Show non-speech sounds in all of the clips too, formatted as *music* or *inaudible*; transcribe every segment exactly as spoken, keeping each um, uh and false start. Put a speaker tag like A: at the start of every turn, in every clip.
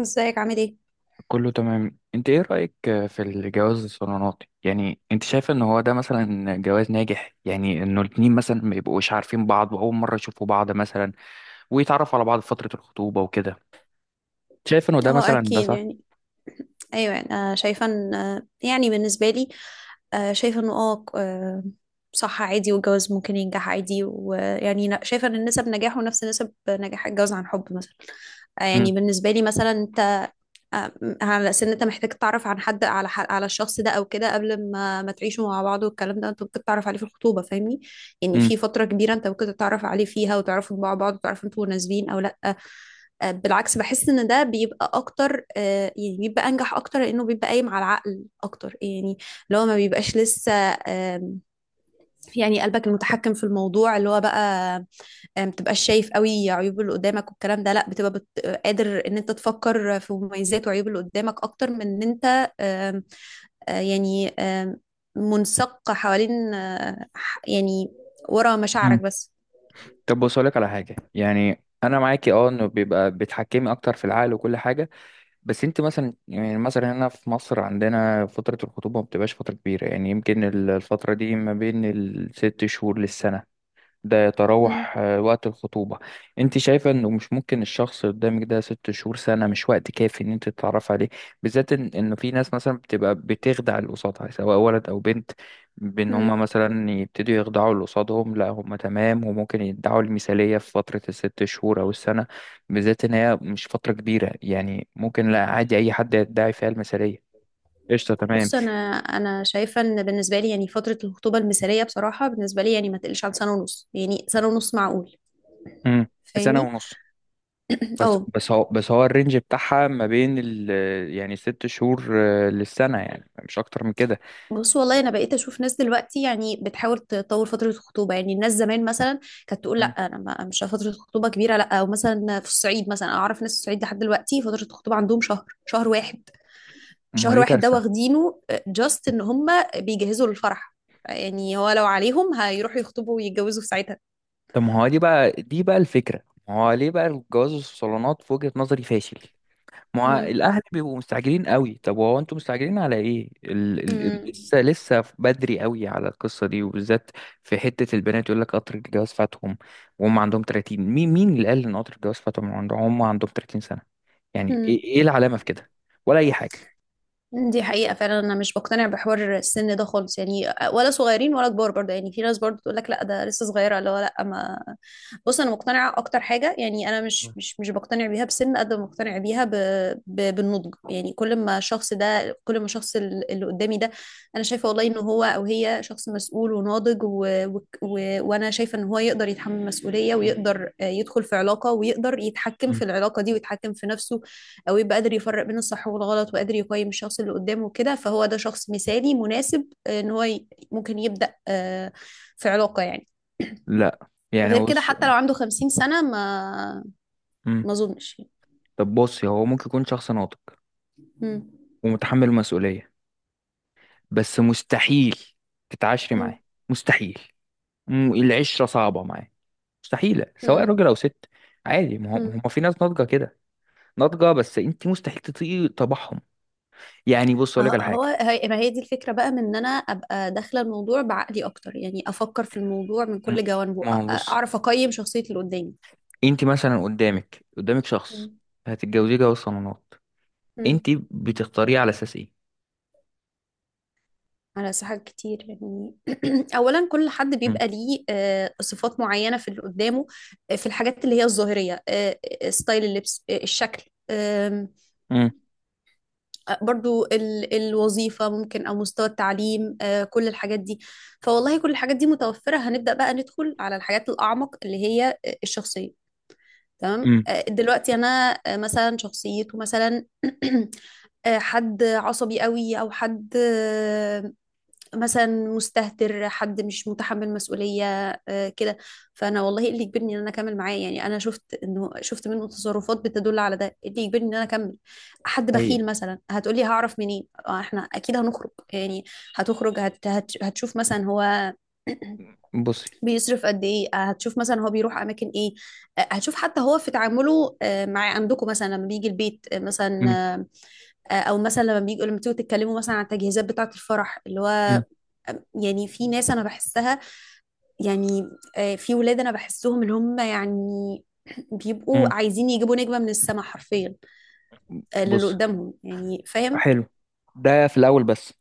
A: ازيك عامل ايه؟
B: كله تمام. انت ايه رأيك في الجواز الصالوناتي؟ يعني انت شايفه ان هو ده مثلا جواز ناجح؟ يعني انه الاتنين مثلا ما يبقوش عارفين بعض واول مرة يشوفوا بعض مثلا ويتعرفوا على بعض في فترة الخطوبة وكده. شايف انه ده
A: اه
B: مثلا ده
A: اكيد
B: صح؟
A: يعني. ايوه، يعني انا شايفه ان آه، يعني بالنسبه لي آه، شايفه انه اه آه، صح عادي، والجواز ممكن ينجح عادي. ويعني نا- شايفه ان نسب نجاحه نفس نسب نجاح الجواز عن حب مثلا. آه، يعني
B: امم،
A: بالنسبه لي مثلا انت. آه، على اساس ان انت محتاج تعرف عن حد على ح- على الشخص ده او كده، قبل ما ما تعيشوا مع بعض، والكلام ده انت ممكن تعرف عليه في الخطوبه، فاهمني؟ يعني
B: امم،
A: في فتره كبيره انت ممكن تتعرف عليه فيها وتعرفوا مع بعض، وتعرفوا انتوا مناسبين او لا. آه، بالعكس بحس ان ده بيبقى اكتر، آه، يعني بيبقى انجح اكتر، لانه بيبقى قايم على العقل اكتر يعني. اللي هو ما بيبقاش لسه آم، يعني قلبك المتحكم في الموضوع اللي هو بقى. آه، ما بتبقاش شايف قوي عيوب اللي قدامك والكلام ده، لا بتبقى بت... آه، قادر ان انت تفكر في مميزات وعيوب اللي قدامك اكتر من ان انت آم، آه، يعني آم، منسق حوالين، آه، ح- يعني ورا مشاعرك
B: امم.
A: بس.
B: طب بص لك على حاجة. يعني انا معاكي اه، انه بيبقى بتحكمي اكتر في العقل وكل حاجة. بس انت مثلا، يعني مثلا هنا في مصر عندنا فترة الخطوبة ما بتبقاش فترة كبيرة. يعني يمكن ال- الفترة دي ما بين الست شهور للسنة. ده
A: مم.
B: يتراوح آه، وقت الخطوبة. انت شايفة انه مش ممكن الشخص اللي قدامك ده ست شهور سنة مش وقت كافي ان انت تتعرف عليه؟ بالذات ان انه في ناس مثلا بتبقى بتخدع اللي قصادها، سواء ولد او بنت، بان هما
A: مم.
B: مثلا يبتدوا يخدعوا اللي قصادهم لا هما تمام، وممكن يدعوا المثالية في فترة الست شهور او السنة. بالذات ان هي مش فترة كبيرة، يعني ممكن، لا عادي، اي حد يدعي فيها المثالية. قشطة، تمام.
A: بص انا انا شايفه ان بالنسبه لي، يعني فتره الخطوبه المثاليه بصراحه بالنسبه لي، يعني ما تقلش عن سنه ونص. يعني سنه ونص معقول،
B: امم. سنة
A: فاهمني؟
B: ونص. بس
A: اه،
B: بس هو بس هو الرينج بتاعها ما بين ال، يعني ست شهور آه، للسنة، يعني مش أكتر من كده.
A: بص والله انا بقيت اشوف ناس دلوقتي يعني بتحاول تطور فتره الخطوبه. يعني الناس زمان مثلا كانت تقول لا،
B: مم.
A: انا ما مش فتره خطوبه كبيره لا. او مثلا في الصعيد، مثلا أنا اعرف ناس في الصعيد لحد دلوقتي فتره الخطوبه عندهم شهر، شهر واحد.
B: ما هو
A: شهر
B: دي
A: واحد ده
B: كارثة.
A: واخدينه جاست ان هم بيجهزوا للفرح. يعني هو لو عليهم هيروحوا يخطبوا ويتجوزوا في ساعتها.
B: طب ما هو دي بقى دي بقى الفكرة. ما هو ليه بقى الجواز الصالونات في وجهة نظري فاشل. ما هو
A: مم.
B: الأهل بيبقوا مستعجلين قوي. طب هو أنتوا مستعجلين على إيه ال ال ال- لسه لسه بدري قوي على القصة دي، وبالذات في حتة البنات يقول لك قطر الجواز فاتهم، وهم عندهم تلاتين. مين مين اللي قال إن قطر الجواز فاتهم؟ عندهم، هم عندهم 30 سنة. يعني إيه
A: مم.
B: إيه العلامة في كده؟ ولا أي حاجة؟
A: دي حقيقة فعلا، أنا مش بقتنع بحوار السن ده خالص، يعني ولا صغيرين ولا كبار. برضه يعني في ناس برضه تقول لك لا ده لسه صغيرة، اللي هو لا ما. بص أنا مقتنعة، أكتر حاجة يعني أنا مش مش مش بقتنع بيها بسن قد ما مقتنع بيها ب... ب... بالنضج. يعني كل ما الشخص ده، كل ما الشخص ال- اللي قدامي ده أنا شايفة والله إن هو أو هي شخص مسؤول وناضج و... و... و... وأنا شايفة إن هو يقدر يتحمل مسؤولية،
B: مم.
A: ويقدر آه، يدخل في علاقة، ويقدر يتحكم في
B: مم.
A: العلاقة دي ويتحكم في نفسه، او يبقى قادر يفرق بين الصح والغلط، وقادر يقيم الشخص اللي قدامه كده. فهو ده شخص مثالي مناسب آه، ان هو ي- ممكن يبدأ آه، في علاقة يعني.
B: لا يعني
A: غير كده،
B: بص.
A: حتى لو عنده خمسين سنة ما
B: مم.
A: ما اظنش يعني.
B: طب بصي، هو ممكن يكون شخص ناضج
A: مم.
B: ومتحمل المسؤولية، بس مستحيل تتعاشري
A: مم.
B: معاه، مستحيل. مم، العشرة صعبة معاه، مستحيلة، سواء
A: مم.
B: راجل أو ست. عادي، ما هم
A: مم.
B: هم في ناس ناضجة كده، ناضجة بس أنت مستحيل تطيقي طبعهم. يعني بص أقول لك على
A: آه، هو
B: حاجة.
A: هي ما هي دي الفكرة بقى، من ان انا ابقى داخلة الموضوع بعقلي اكتر. يعني افكر في الموضوع من
B: م-
A: كل جوانبه،
B: ما
A: أ-
B: هو بص،
A: اعرف اقيم شخصية اللي قدامي.
B: أنت مثلا قدامك قدامك شخص
A: مم.
B: هتتجوزيه جواز صالونات. أنت
A: مم.
B: بتختاريه على أساس إيه؟
A: على ساحات كتير يعني. *clears throat* اولا كل حد
B: مم.
A: بيبقى ليه آه، صفات معينه في اللي قدامه، آه، في الحاجات اللي هي الظاهريه، آه، آه، ستايل اللبس، آه، الشكل، آم،
B: مم.
A: آه، برضو ال- الوظيفه ممكن، او مستوى التعليم. آه، كل الحاجات دي، فوالله كل الحاجات دي متوفره، هنبدا بقى ندخل على الحاجات الاعمق اللي هي آه، الشخصيه. تمام،
B: مم.
A: آه، دلوقتي انا آه، مثلا شخصيته مثلا. *clears throat* آه، حد عصبي قوي، او حد آه، مثلا مستهتر، حد مش متحمل مسؤولية آه، كده. فأنا والله إيه اللي يجبرني إن أنا أكمل معاه؟ يعني أنا شفت إنه، شفت منه تصرفات بتدل على ده، إيه اللي يجبرني إن أنا أكمل؟ حد
B: حقيقي.
A: بخيل مثلا، هتقولي هعرف منين؟ آه، إحنا أكيد هنخرج يعني، هتخرج هت هت هتشوف مثلا هو *clears throat*
B: بصي.
A: بيصرف قد ايه. آه، هتشوف مثلا هو بيروح اماكن ايه. آه، هتشوف حتى هو في تعامله آه، مع عندكم مثلا لما بيجي البيت آه، مثلا آه، او مثلا لما بيجوا لما بتيجوا تتكلموا مثلا عن التجهيزات بتاعه الفرح اللي هو. يعني في ناس انا بحسها يعني، آه، في ولاد انا بحسهم اللي هم يعني
B: امم.
A: بيبقوا عايزين يجيبوا نجمة من السماء حرفيا آه، للي
B: بص.
A: قدامهم، يعني فاهم.
B: حلو، ده في الاول بس.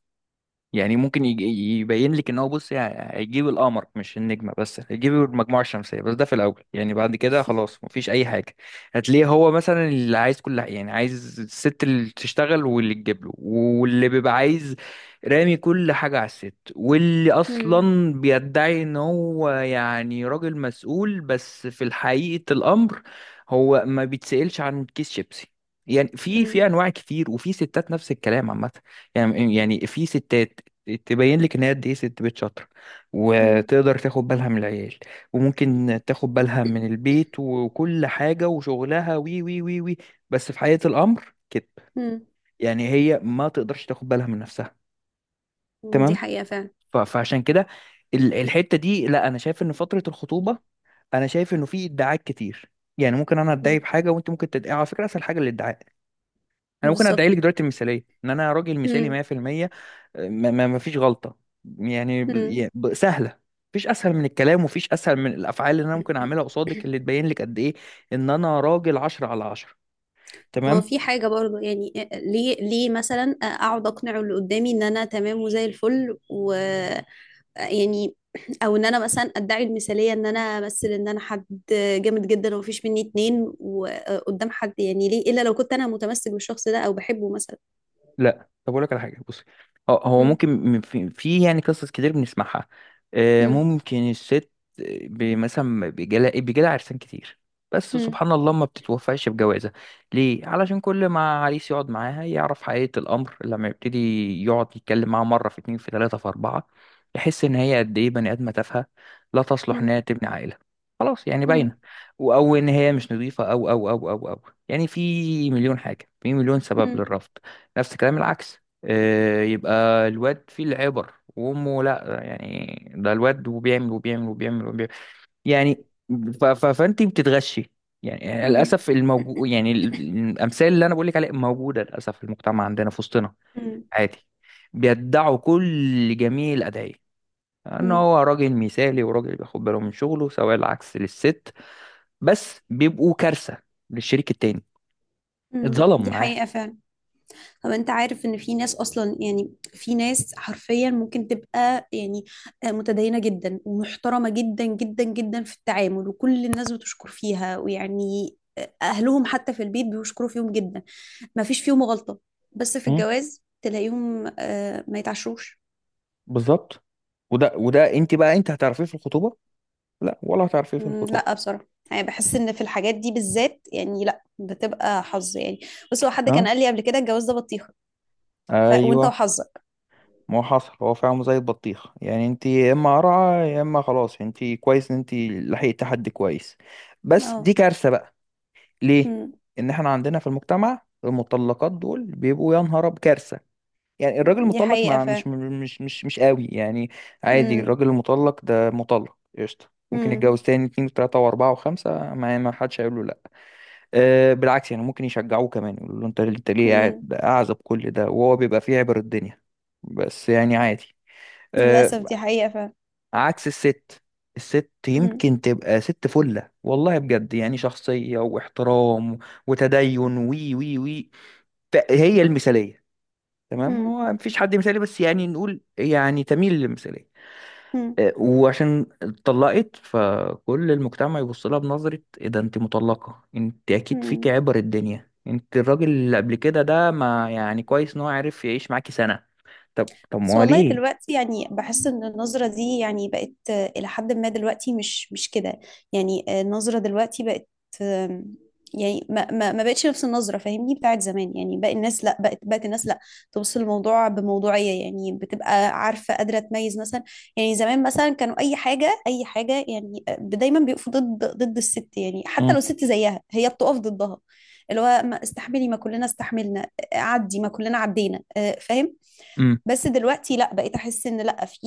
B: يعني ممكن يج- يبين لك ان هو، بص يعني هيجيب القمر، مش النجمه بس، هيجيب المجموعه الشمسيه. بس ده في الاول، يعني بعد كده خلاص مفيش اي حاجه. هتلاقيه هو مثلا اللي عايز كل حاجه، يعني عايز الست اللي تشتغل واللي تجيب له واللي بيبقى عايز رامي كل حاجه على الست، واللي
A: مم.
B: اصلا بيدعي ان هو يعني راجل مسؤول، بس في حقيقه الامر هو ما بيتسألش عن كيس شيبسي. يعني في
A: مم.
B: في انواع كتير، وفي ستات نفس الكلام عامه. يعني يعني في ستات تبين لك ان هي قد ايه ست بيت شاطره،
A: مم.
B: وتقدر تاخد بالها من العيال، وممكن تاخد بالها من البيت وكل حاجه وشغلها وي وي وي وي. بس في حقيقه الامر كده،
A: مم.
B: يعني هي ما تقدرش تاخد بالها من نفسها.
A: دي
B: تمام.
A: حقيقة فعلا.
B: ف- فعشان كده ال- الحته دي، لا انا شايف ان فتره الخطوبه، انا شايف انه في ادعاءات كتير. يعني ممكن انا ادعي
A: مم.
B: بحاجه وانت ممكن تدعي، على فكره اسهل حاجه الادعاء. انا ممكن ادعي لك
A: بالظبط.
B: دلوقتي المثاليه ان انا راجل مثالي
A: مم.
B: مية في المية، ما ما ما فيش غلطة. يعني ب-
A: مم.
B: يا- ب- سهلة. مفيش اسهل من الكلام، ومفيش اسهل من الافعال اللي انا ممكن اعملها قصادك، اللي تبين لك قد ايه ان انا راجل عشرة على عشرة.
A: ما هو
B: تمام.
A: في حاجة برضه، يعني آه، ليه ليه مثلا آه، أقعد أقنع اللي قدامي إن أنا تمام وزي الفل، و يعني او ان انا مثلا ادعي المثاليه، ان انا امثل ان انا حد جامد جدا ومفيش مني اتنين وقدام حد، يعني ليه الا لو كنت انا متمسك بالشخص ده او بحبه مثلا.
B: لا طب اقول لك على حاجه، بصي. هو هو
A: مم.
B: ممكن، م- في, في يعني قصص كتير بنسمعها. آه،
A: مم.
B: ممكن الست ب- مثلا بيجالها بيجالها عرسان كتير، بس
A: مم.
B: سبحان الله ما بتتوفقش بجوازها. ليه؟ علشان كل ما عريس يقعد معاها يعرف حقيقه الامر. لما يبتدي يقعد يتكلم معاها مره، في اتنين، في تلاته، في اربعه، يحس ان هي قد ايه بني ادمه تافهه، لا تصلح
A: مم.
B: انها تبني عائله. خلاص يعني
A: مم.
B: باينه. و- او ان هي مش نظيفه او او او او او، يعني في مليون حاجه، في مليون سبب
A: مم.
B: للرفض. نفس الكلام العكس، آه، يبقى الواد فيه العبر وامه لا، يعني ده الواد وبيعمل وبيعمل وبيعمل وبيعمل، يعني ف- ف- فانت بتتغشي. يعني للاسف الموجود، يعني ال- الامثال اللي انا بقول لك عليها موجوده للاسف في المجتمع عندنا، في وسطنا،
A: مم.
B: عادي. بيدعوا كل جميع الادعيه ان
A: مم.
B: هو راجل مثالي، وراجل بياخد باله من شغله، سواء العكس للست، بس بيبقوا كارثه للشريك التاني.
A: مم.
B: اتظلم
A: دي
B: معاه.
A: حقيقه فعلا. طب انت عارف ان في ناس اصلا، يعني في ناس حرفيا ممكن تبقى يعني متدينة جدا ومحترمة جدا جدا جدا في التعامل، وكل الناس بتشكر فيها ويعني اهلهم حتى في البيت بيشكروا فيهم جدا، ما فيش فيهم غلطة، بس في الجواز تلاقيهم آه، ما يتعشروش.
B: بالظبط. وده وده انت بقى انت هتعرفيه في الخطوبه؟ لا، ولا هتعرفيه في
A: مم،
B: الخطوبه.
A: لا بصراحة يعني بحس ان في الحاجات دي بالذات يعني لا، بتبقى حظ يعني. بس هو حد
B: ها؟
A: كان قال لي قبل كده الجواز ده بطيخة، ف... وانت
B: ايوه.
A: وحظك.
B: ما هو حصل هو فعلا زي البطيخ، يعني انت يا اما قرعه، يا اما خلاص انت كويس ان انت لحقت حد كويس. بس
A: اه.
B: دي كارثه بقى. ليه؟
A: مم.
B: ان احنا عندنا في المجتمع المطلقات دول بيبقوا، يا نهار أب- كارثه. يعني الراجل
A: دي
B: المطلق
A: حقيقة
B: ما
A: ف.
B: مش مش مش مش قوي يعني. عادي،
A: مم.
B: الراجل المطلق ده مطلق قشطه، ممكن مم.
A: مم.
B: يتجوز تاني، اتنين وتلاته واربعه وخمسه، ما ما حدش هيقول له لا. آه، بالعكس، يعني ممكن يشجعوه كمان، يقولوا له انت انت ليه قاعد
A: مم.
B: اعزب كل ده، وهو بيبقى فيه عبر الدنيا. بس يعني عادي. آه،
A: للأسف دي حقيقة فعلا.
B: عكس الست. الست
A: مم.
B: يمكن تبقى ست فلة، والله بجد، يعني شخصية واحترام وتدين وي وي وي، فهي المثالية. تمام،
A: مم.
B: هو مفيش حد مثالي، بس يعني نقول يعني تميل للمثالية.
A: مم.
B: آه، وعشان اتطلقت، فكل المجتمع يبص لها بنظرة، ايه ده انت مطلقة، انت اكيد فيك
A: مم.
B: عبر الدنيا، انت الراجل اللي قبل كده ده ما يعني كويس ان هو عرف يعيش معاكي سنة. طب طب ما
A: بس
B: هو
A: والله
B: ليه؟
A: دلوقتي يعني بحس ان النظرة دي يعني بقت آه، الى حد ما دلوقتي مش مش كده. يعني آه، النظرة دلوقتي بقت آم، يعني ما ما ما بقتش نفس النظرة، فاهمني، بتاعت زمان. يعني باقي الناس لا، بقت بقت الناس لا تبص للموضوع بموضوعية. يعني بتبقى عارفة قادرة تميز مثلا. يعني زمان مثلا كانوا اي حاجة اي حاجة، يعني آه، دايما بيقفوا ضد ضد الست، يعني حتى لو
B: امم،
A: ست زيها هي بتقف ضدها، اللي هو ما استحملي، ما كلنا استحملنا، آه، عدي ما كلنا عدينا، آه، فاهم.
B: امم.
A: بس دلوقتي لا، بقيت احس ان لا، في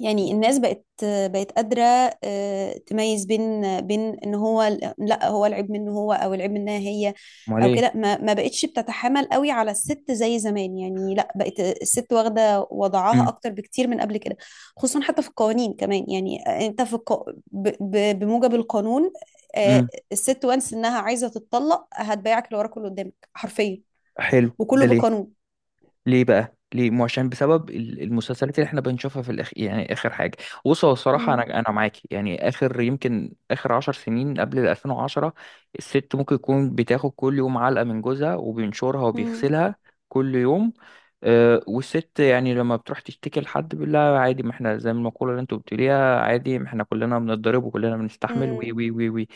A: يعني الناس بقت بقت قادره آه، تميز بين بين ان هو ال- لا هو العيب منه هو، او العيب منها هي
B: ما هو
A: او
B: ليه؟
A: كده. ما ما بقتش بتتحامل قوي على الست زي زمان. يعني لا، بقت الست واخده وضعها
B: امم،
A: اكتر بكتير من قبل كده. خصوصا حتى في القوانين كمان يعني، انت في الق... ب... ب... بموجب القانون آه،
B: امم.
A: الست وانس انها عايزه تتطلق هتبيعك اللي وراك واللي قدامك حرفيا،
B: حلو، ده
A: وكله
B: ليه؟
A: بقانون.
B: ليه بقى، ليه؟ مو عشان بسبب ال- المسلسلات اللي احنا بنشوفها في الاخ، يعني اخر حاجه. بص هو الصراحه
A: مم.
B: انا انا معاكي، يعني اخر يمكن اخر عشر سنين قبل ال ألفين وعشرة الست ممكن تكون بتاخد كل يوم علقه من جوزها، وبينشرها
A: مم.
B: وبيغسلها كل يوم. أه، والست يعني لما بتروح تشتكي لحد بيقول لها عادي، ما احنا زي المقوله اللي انتوا بتقوليها، عادي ما احنا كلنا بنتضرب وكلنا بنستحمل وي
A: مم.
B: وي وي وي.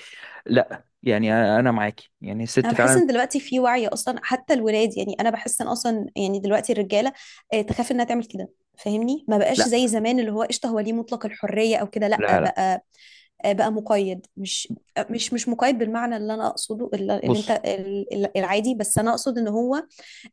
B: لا، يعني انا أنا معاكي، يعني
A: انا
B: الست
A: بحس
B: فعلا.
A: ان دلوقتي في وعي اصلا، حتى الولاد. يعني انا بحس ان اصلا يعني دلوقتي الرجاله آه، تخاف انها تعمل كده، فاهمني. ما بقاش
B: لا،
A: زي زمان اللي هو قشطه هو ليه مطلق الحريه او كده. لا
B: لا، لا،
A: بقى آه، بقى مقيد، مش آه، مش مش مقيد بالمعنى اللي انا اقصده، اللي اللي
B: بص،
A: انت ال- ال- العادي، بس انا اقصد ان هو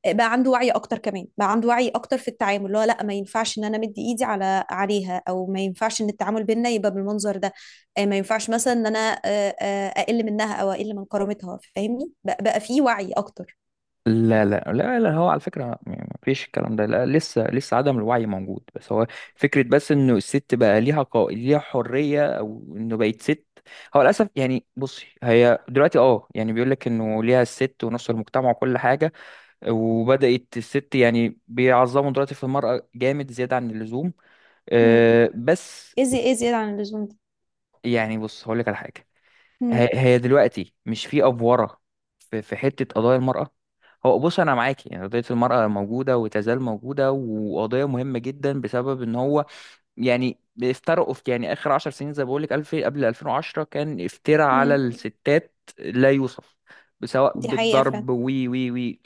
A: بقى عنده وعي اكتر. كمان بقى عنده وعي اكتر في التعامل، اللي هو لا ما ينفعش ان انا مدي ايدي على عليها، او ما ينفعش ان التعامل بينا يبقى بالمنظر ده. آه، ما ينفعش مثلا ان انا آه، آه، اقل منها او اقل من كرامتها، فاهمني؟ بقى, بقى في وعي اكتر.
B: لا، لا، لا، لا، هو على فكرة يعني ما فيش الكلام ده لا، لسه لسه عدم الوعي موجود، بس هو فكرة، بس انه الست بقى ليها قو... ليها حرية، او انه بقت ست. هو للاسف، يعني بصي، هي دلوقتي اه، يعني بيقول لك انه ليها الست ونص المجتمع وكل حاجة، وبدأت الست يعني بيعظموا دلوقتي في المرأة جامد زيادة عن اللزوم.
A: امم
B: أه، بس
A: ايه زي- إيه زيادة عن اللزوم ده؟
B: يعني بص هقول لك على حاجة.
A: امم
B: هي هي دلوقتي مش في افوره، في في حته قضايا المراه. هو بص انا معاكي، يعني قضيه المراه موجوده وتزال موجوده، وقضيه مهمه جدا بسبب ان هو يعني افترقوا في، يعني اخر عشر سنين زي ما بقول لك، الف قبل ألفين وعشرة كان افتراء على
A: امم
B: الستات لا يوصف، سواء
A: دي حقيقة فعلا.
B: بالضرب وي وي وي.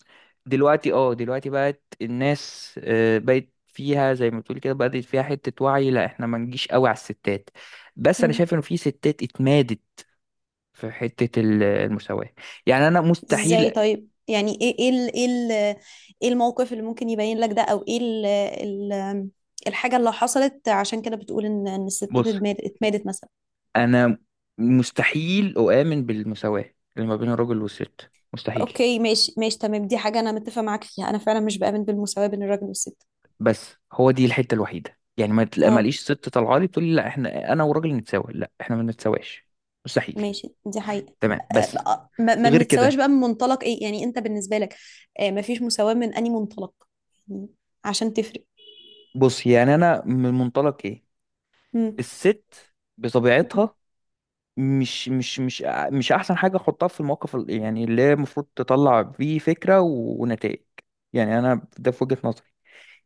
B: دلوقتي اه دلوقتي بقت الناس، آه، بقت فيها زي ما بتقول كده بدأت فيها حتة وعي، لا احنا ما نجيش قوي على الستات. بس انا
A: امم
B: شايف انه في ستات اتمادت في حتة ال- المساواة. يعني أنا
A: ازاي
B: مستحيل.
A: طيب؟ يعني ايه ايه ال- ايه ال- ايه الموقف اللي ممكن يبين لك ده، او ايه ال ال الحاجة اللي حصلت عشان كده بتقول ان إن الستات
B: بص،
A: اتمادت اتمادت مثلا؟
B: أنا مستحيل أؤمن بالمساواة اللي ما بين الراجل والست، مستحيل.
A: اوكي، ماشي ماشي، تمام، دي حاجة انا متفق معاك فيها، انا فعلا مش بآمن بالمساواة بين الراجل والست.
B: بس هو دي الحتة الوحيدة، يعني ما تلاقي
A: اه،
B: ماليش ست طالعة لي تقول لي، لا احنا أنا والراجل نتساوى. لا احنا ما نتساواش، مستحيل.
A: ماشي، دي حقيقة.
B: تمام
A: آه،
B: بس،
A: أه، ما ما
B: غير
A: بنتساواش
B: كده.
A: بقى من منطلق ايه يعني انت بالنسبة لك؟ آه، ما فيش مساواة من اني منطلق يعني، عشان تفرق.
B: بص يعني أنا من منطلق إيه،
A: مم.
B: الست
A: مم.
B: بطبيعتها مش مش مش أ- مش احسن حاجه احطها في الموقف ال- يعني اللي هي المفروض تطلع فيه فكره و- ونتائج. يعني انا ده في وجهه نظري.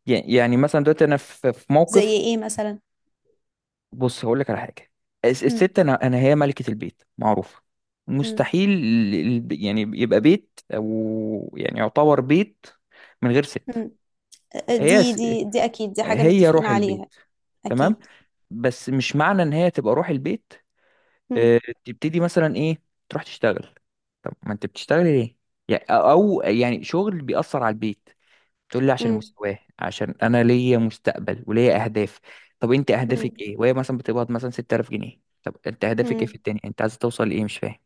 B: يعني يعني مثلا دلوقتي انا في في
A: زي
B: موقف.
A: ايه مثلا؟
B: بص هقول لك على حاجه. الس-
A: مم.
B: الست، انا انا هي ملكه البيت معروفه.
A: مم.
B: مستحيل ال- ال- يعني يبقى بيت، او يعني يعتبر بيت من غير ست.
A: مم. آه،
B: هي
A: دي
B: س-
A: دي دي اكيد دي حاجة
B: هي
A: متفقين
B: روح البيت.
A: عليها.
B: تمام،
A: اكيد.
B: بس مش معنى ان هي تبقى روح البيت
A: مم.
B: آه، تبتدي مثلا ايه، تروح تشتغل؟ طب ما انت بتشتغل ليه؟ يعني، او أو يعني شغل بيأثر على البيت؟ تقول لي عشان
A: مم.
B: مستواه، عشان انا ليا مستقبل وليا اهداف. طب انت اهدافك
A: مم.
B: ايه وهي مثلا بتقبض مثلا ستة آلاف جنيه؟ طب انت اهدافك ايه في
A: مم.
B: الدنيا، انت عايز توصل لايه؟ مش فاهم.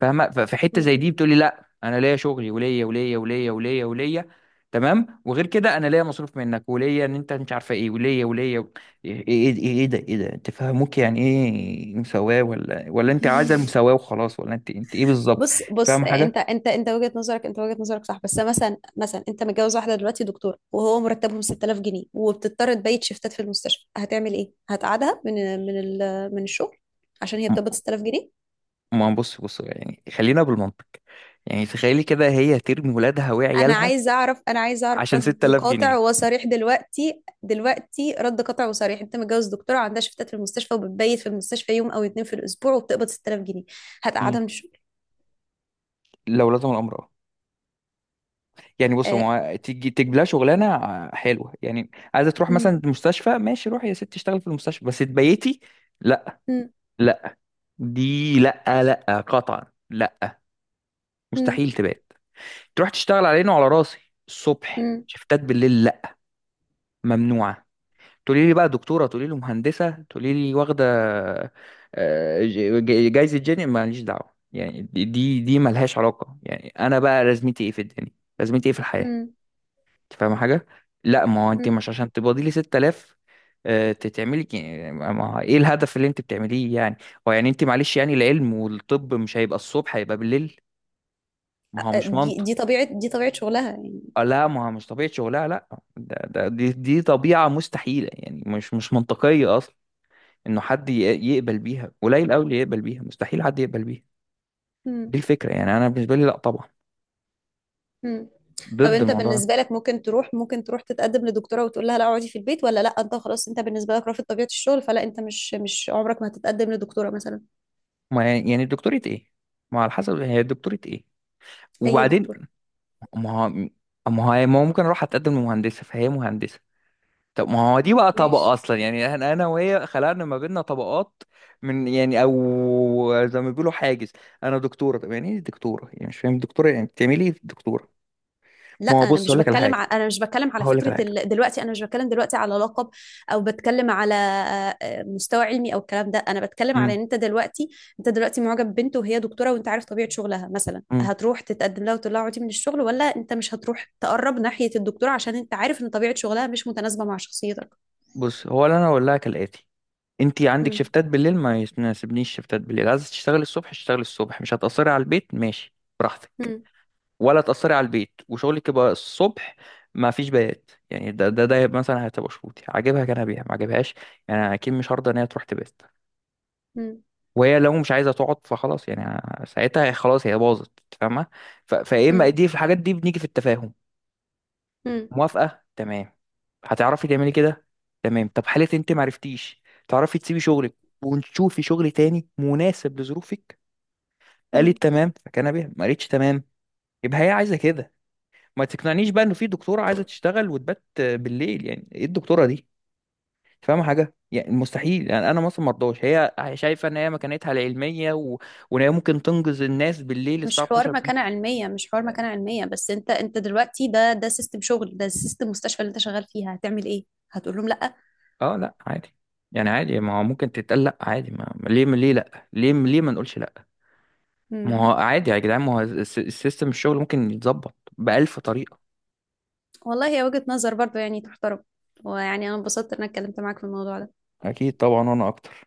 B: فاهمه؟ ففي حته
A: مم.
B: زي دي بتقولي، لا انا ليا شغلي وليا وليا وليا وليا وليا. تمام، وغير كده انا ليا مصروف منك، وليا ان انت مش عارفه ايه، وليا وليا و- ايه ايه ايه إيه إيه ده، ايه ده انت فاهموك، يعني ايه مساواه، ولا ولا انت عايزه
A: *laughs*
B: المساواه وخلاص، ولا انت انت ايه بالظبط؟
A: بص بص
B: فاهم
A: آه، انت
B: حاجه؟
A: انت انت وجهة نظرك، انت وجهة نظرك صح. بس مثلا، مثلا انت متجوز واحدة دلوقتي دكتورة وهو مرتبهم ست تلاف جنيه وبتضطر تبيت شيفتات في المستشفى، هتعمل ايه؟ هتقعدها من من ال- من الشغل عشان هي بتقبض
B: م-
A: ست تلاف جنيه؟
B: ما بص بص، يعني خلينا بالمنطق. يعني تخيلي كده، هي ترمي ولادها
A: انا
B: وعيالها
A: عايز اعرف، انا عايز اعرف
B: عشان
A: رد
B: 6000
A: قاطع
B: جنيه
A: وصريح، دلوقتي دلوقتي رد قاطع وصريح: انت متجوز دكتورة عندها شيفتات في المستشفى وبتبيت في المستشفى يوم او اتنين في الاسبوع وبتقبض ست تلاف جنيه،
B: مم.
A: هتقعدها من الشغل؟
B: لو لزم الامر. يعني بص،
A: آه.
B: هو تيجي تجيب لها شغلانه آه، حلوه، يعني عايزه تروح مثلا
A: مم.
B: المستشفى، ماشي روحي يا ست اشتغلي في المستشفى، بس تبيتي؟ لا،
A: مم.
B: لا، دي لا، لا، قطعا لا.
A: مم.
B: مستحيل تبات. تروح تشتغل على عيني وعلى راسي الصبح، شفتات بالليل لا، ممنوعه. تقولي لي بقى دكتوره، تقولي لي مهندسه، تقولي لي واخده آه، ج- ج- جايزه جيني، ماليش دعوه، يعني دي دي دي ملهاش علاقه، يعني انا بقى لازمتي ايه في الدنيا، لازمتي ايه في الحياه؟
A: مم.
B: انت فاهمه حاجه؟ لا، ما هو انت مش
A: مم.
B: عشان تبقى لي ستة آلاف آه، تتعملي ك- ما ما- ايه الهدف اللي انت بتعمليه يعني؟ هو يعني انت معلش، يعني العلم والطب مش هيبقى الصبح، هيبقى بالليل، ما هو مش
A: دي
B: منطق.
A: دي طبيعة، دي طبيعة شغلها يعني.
B: آه، لا، ما هو مش طبيعة شغلها لا، ده ده دي دي طبيعة مستحيلة، يعني مش مش منطقية اصلا. انه حد ي- يقبل بيها قليل قوي، اللي يقبل بيها، مستحيل حد يقبل بيها.
A: مم.
B: دي الفكرة، يعني انا بالنسبة لي لا طبعا،
A: مم. طب
B: ضد
A: انت
B: الموضوع ده.
A: بالنسبة لك ممكن تروح ممكن تروح تتقدم لدكتورة وتقول لها لا اقعدي في البيت، ولا لا انت خلاص انت بالنسبة لك رافض طبيعة الشغل، فلا انت مش مش عمرك ما هتتقدم لدكتورة مثلا؟
B: ما يعني يعني دكتورة ايه؟ ما على حسب هي دكتورة ايه،
A: اي
B: وبعدين؟
A: دكتورة.
B: ما هو ما هو ما هو ممكن اروح اتقدم لمهندسه، فهي مهندسه. طب ما هو دي بقى
A: ماشي.
B: طبقه اصلا، يعني احنا انا وهي خلقنا ما بيننا طبقات من، يعني او زي ما بيقولوا حاجز. انا دكتوره، طب يعني ايه دكتوره، يعني مش فاهم دكتوره، يعني بتعملي ايه دكتوره؟
A: لا
B: ما هو
A: انا
B: بص
A: مش
B: اقول لك على
A: بتكلم
B: حاجه،
A: ع... انا مش بتكلم على
B: هقول لك
A: فكره
B: على حاجه.
A: ال... دلوقتي انا مش بتكلم دلوقتي على لقب، او بتكلم على آه، مستوى علمي او الكلام ده. انا بتكلم
B: امم،
A: على ان انت دلوقتي، انت دلوقتي معجب ببنت وهي دكتوره وانت عارف طبيعه شغلها مثلا،
B: امم.
A: هتروح تتقدم لها وتقول لها اقعدي من الشغل، ولا انت مش هتروح تقرب ناحيه الدكتوره عشان انت عارف ان طبيعه شغلها مش متناسبه مع شخصيتك؟
B: بص هو اللي انا اقول لها كالاتي: انت عندك
A: مم.
B: شفتات بالليل، ما يناسبنيش شفتات بالليل، عايزه تشتغلي الصبح اشتغلي الصبح، مش هتاثري على البيت، ماشي، براحتك.
A: مم.
B: ولا تأثري على البيت وشغلك يبقى الصبح، ما فيش بيات. يعني ده ده ده مثلا هتبقى شروطي، عاجبها كان بيها ما عاجبهاش. يعني أنا اكيد مش هرضى ان هي تروح تبات،
A: مم.
B: وهي لو مش عايزه تقعد فخلاص، يعني أنا- ساعتها هي خلاص، هي باظت. فاهمه؟ ف- فايه اما
A: مم.
B: دي، في الحاجات دي بنيجي في التفاهم.
A: مم.
B: موافقه تمام؟ هتعرفي تعملي كده؟ تمام. طب حالة انت معرفتيش تعرفي تسيبي شغلك، ونشوفي شغل تاني مناسب لظروفك،
A: مم.
B: قالت تمام، فكان بيها، ما قالتش تمام، يبقى هي عايزه كده. ما تقنعنيش بقى انه في دكتوره عايزه تشتغل وتبات بالليل، يعني ايه الدكتوره دي؟ انت فاهمه حاجه؟ يعني مستحيل، يعني انا مثلا مرضاش هي شايفه ان هي مكانتها العلميه و... وان هي ممكن تنقذ الناس بالليل
A: مش
B: الساعه اتناشر
A: حوار
B: بالليل.
A: مكانة علمية، مش حوار مكانة علمية بس انت انت دلوقتي، ده ده سيستم شغل، ده سيستم مستشفى اللي انت شغال فيها، هتعمل ايه؟ هتقول لهم لا؟
B: اه لا عادي. يعني عادي، ما هو ممكن تتقال لا عادي، ما ما- ليه ليه لا، ليه ليه ما نقولش لا؟
A: مم.
B: ما هو عادي يا جدعان، ما هو الس- السيستم الشغل ممكن يتظبط بألف طريقه.
A: والله هي وجهة نظر برضو يعني، تحترم. ويعني انا انبسطت ان انا اتكلمت معاك في الموضوع ده.
B: اكيد طبعا، وانا اكتر.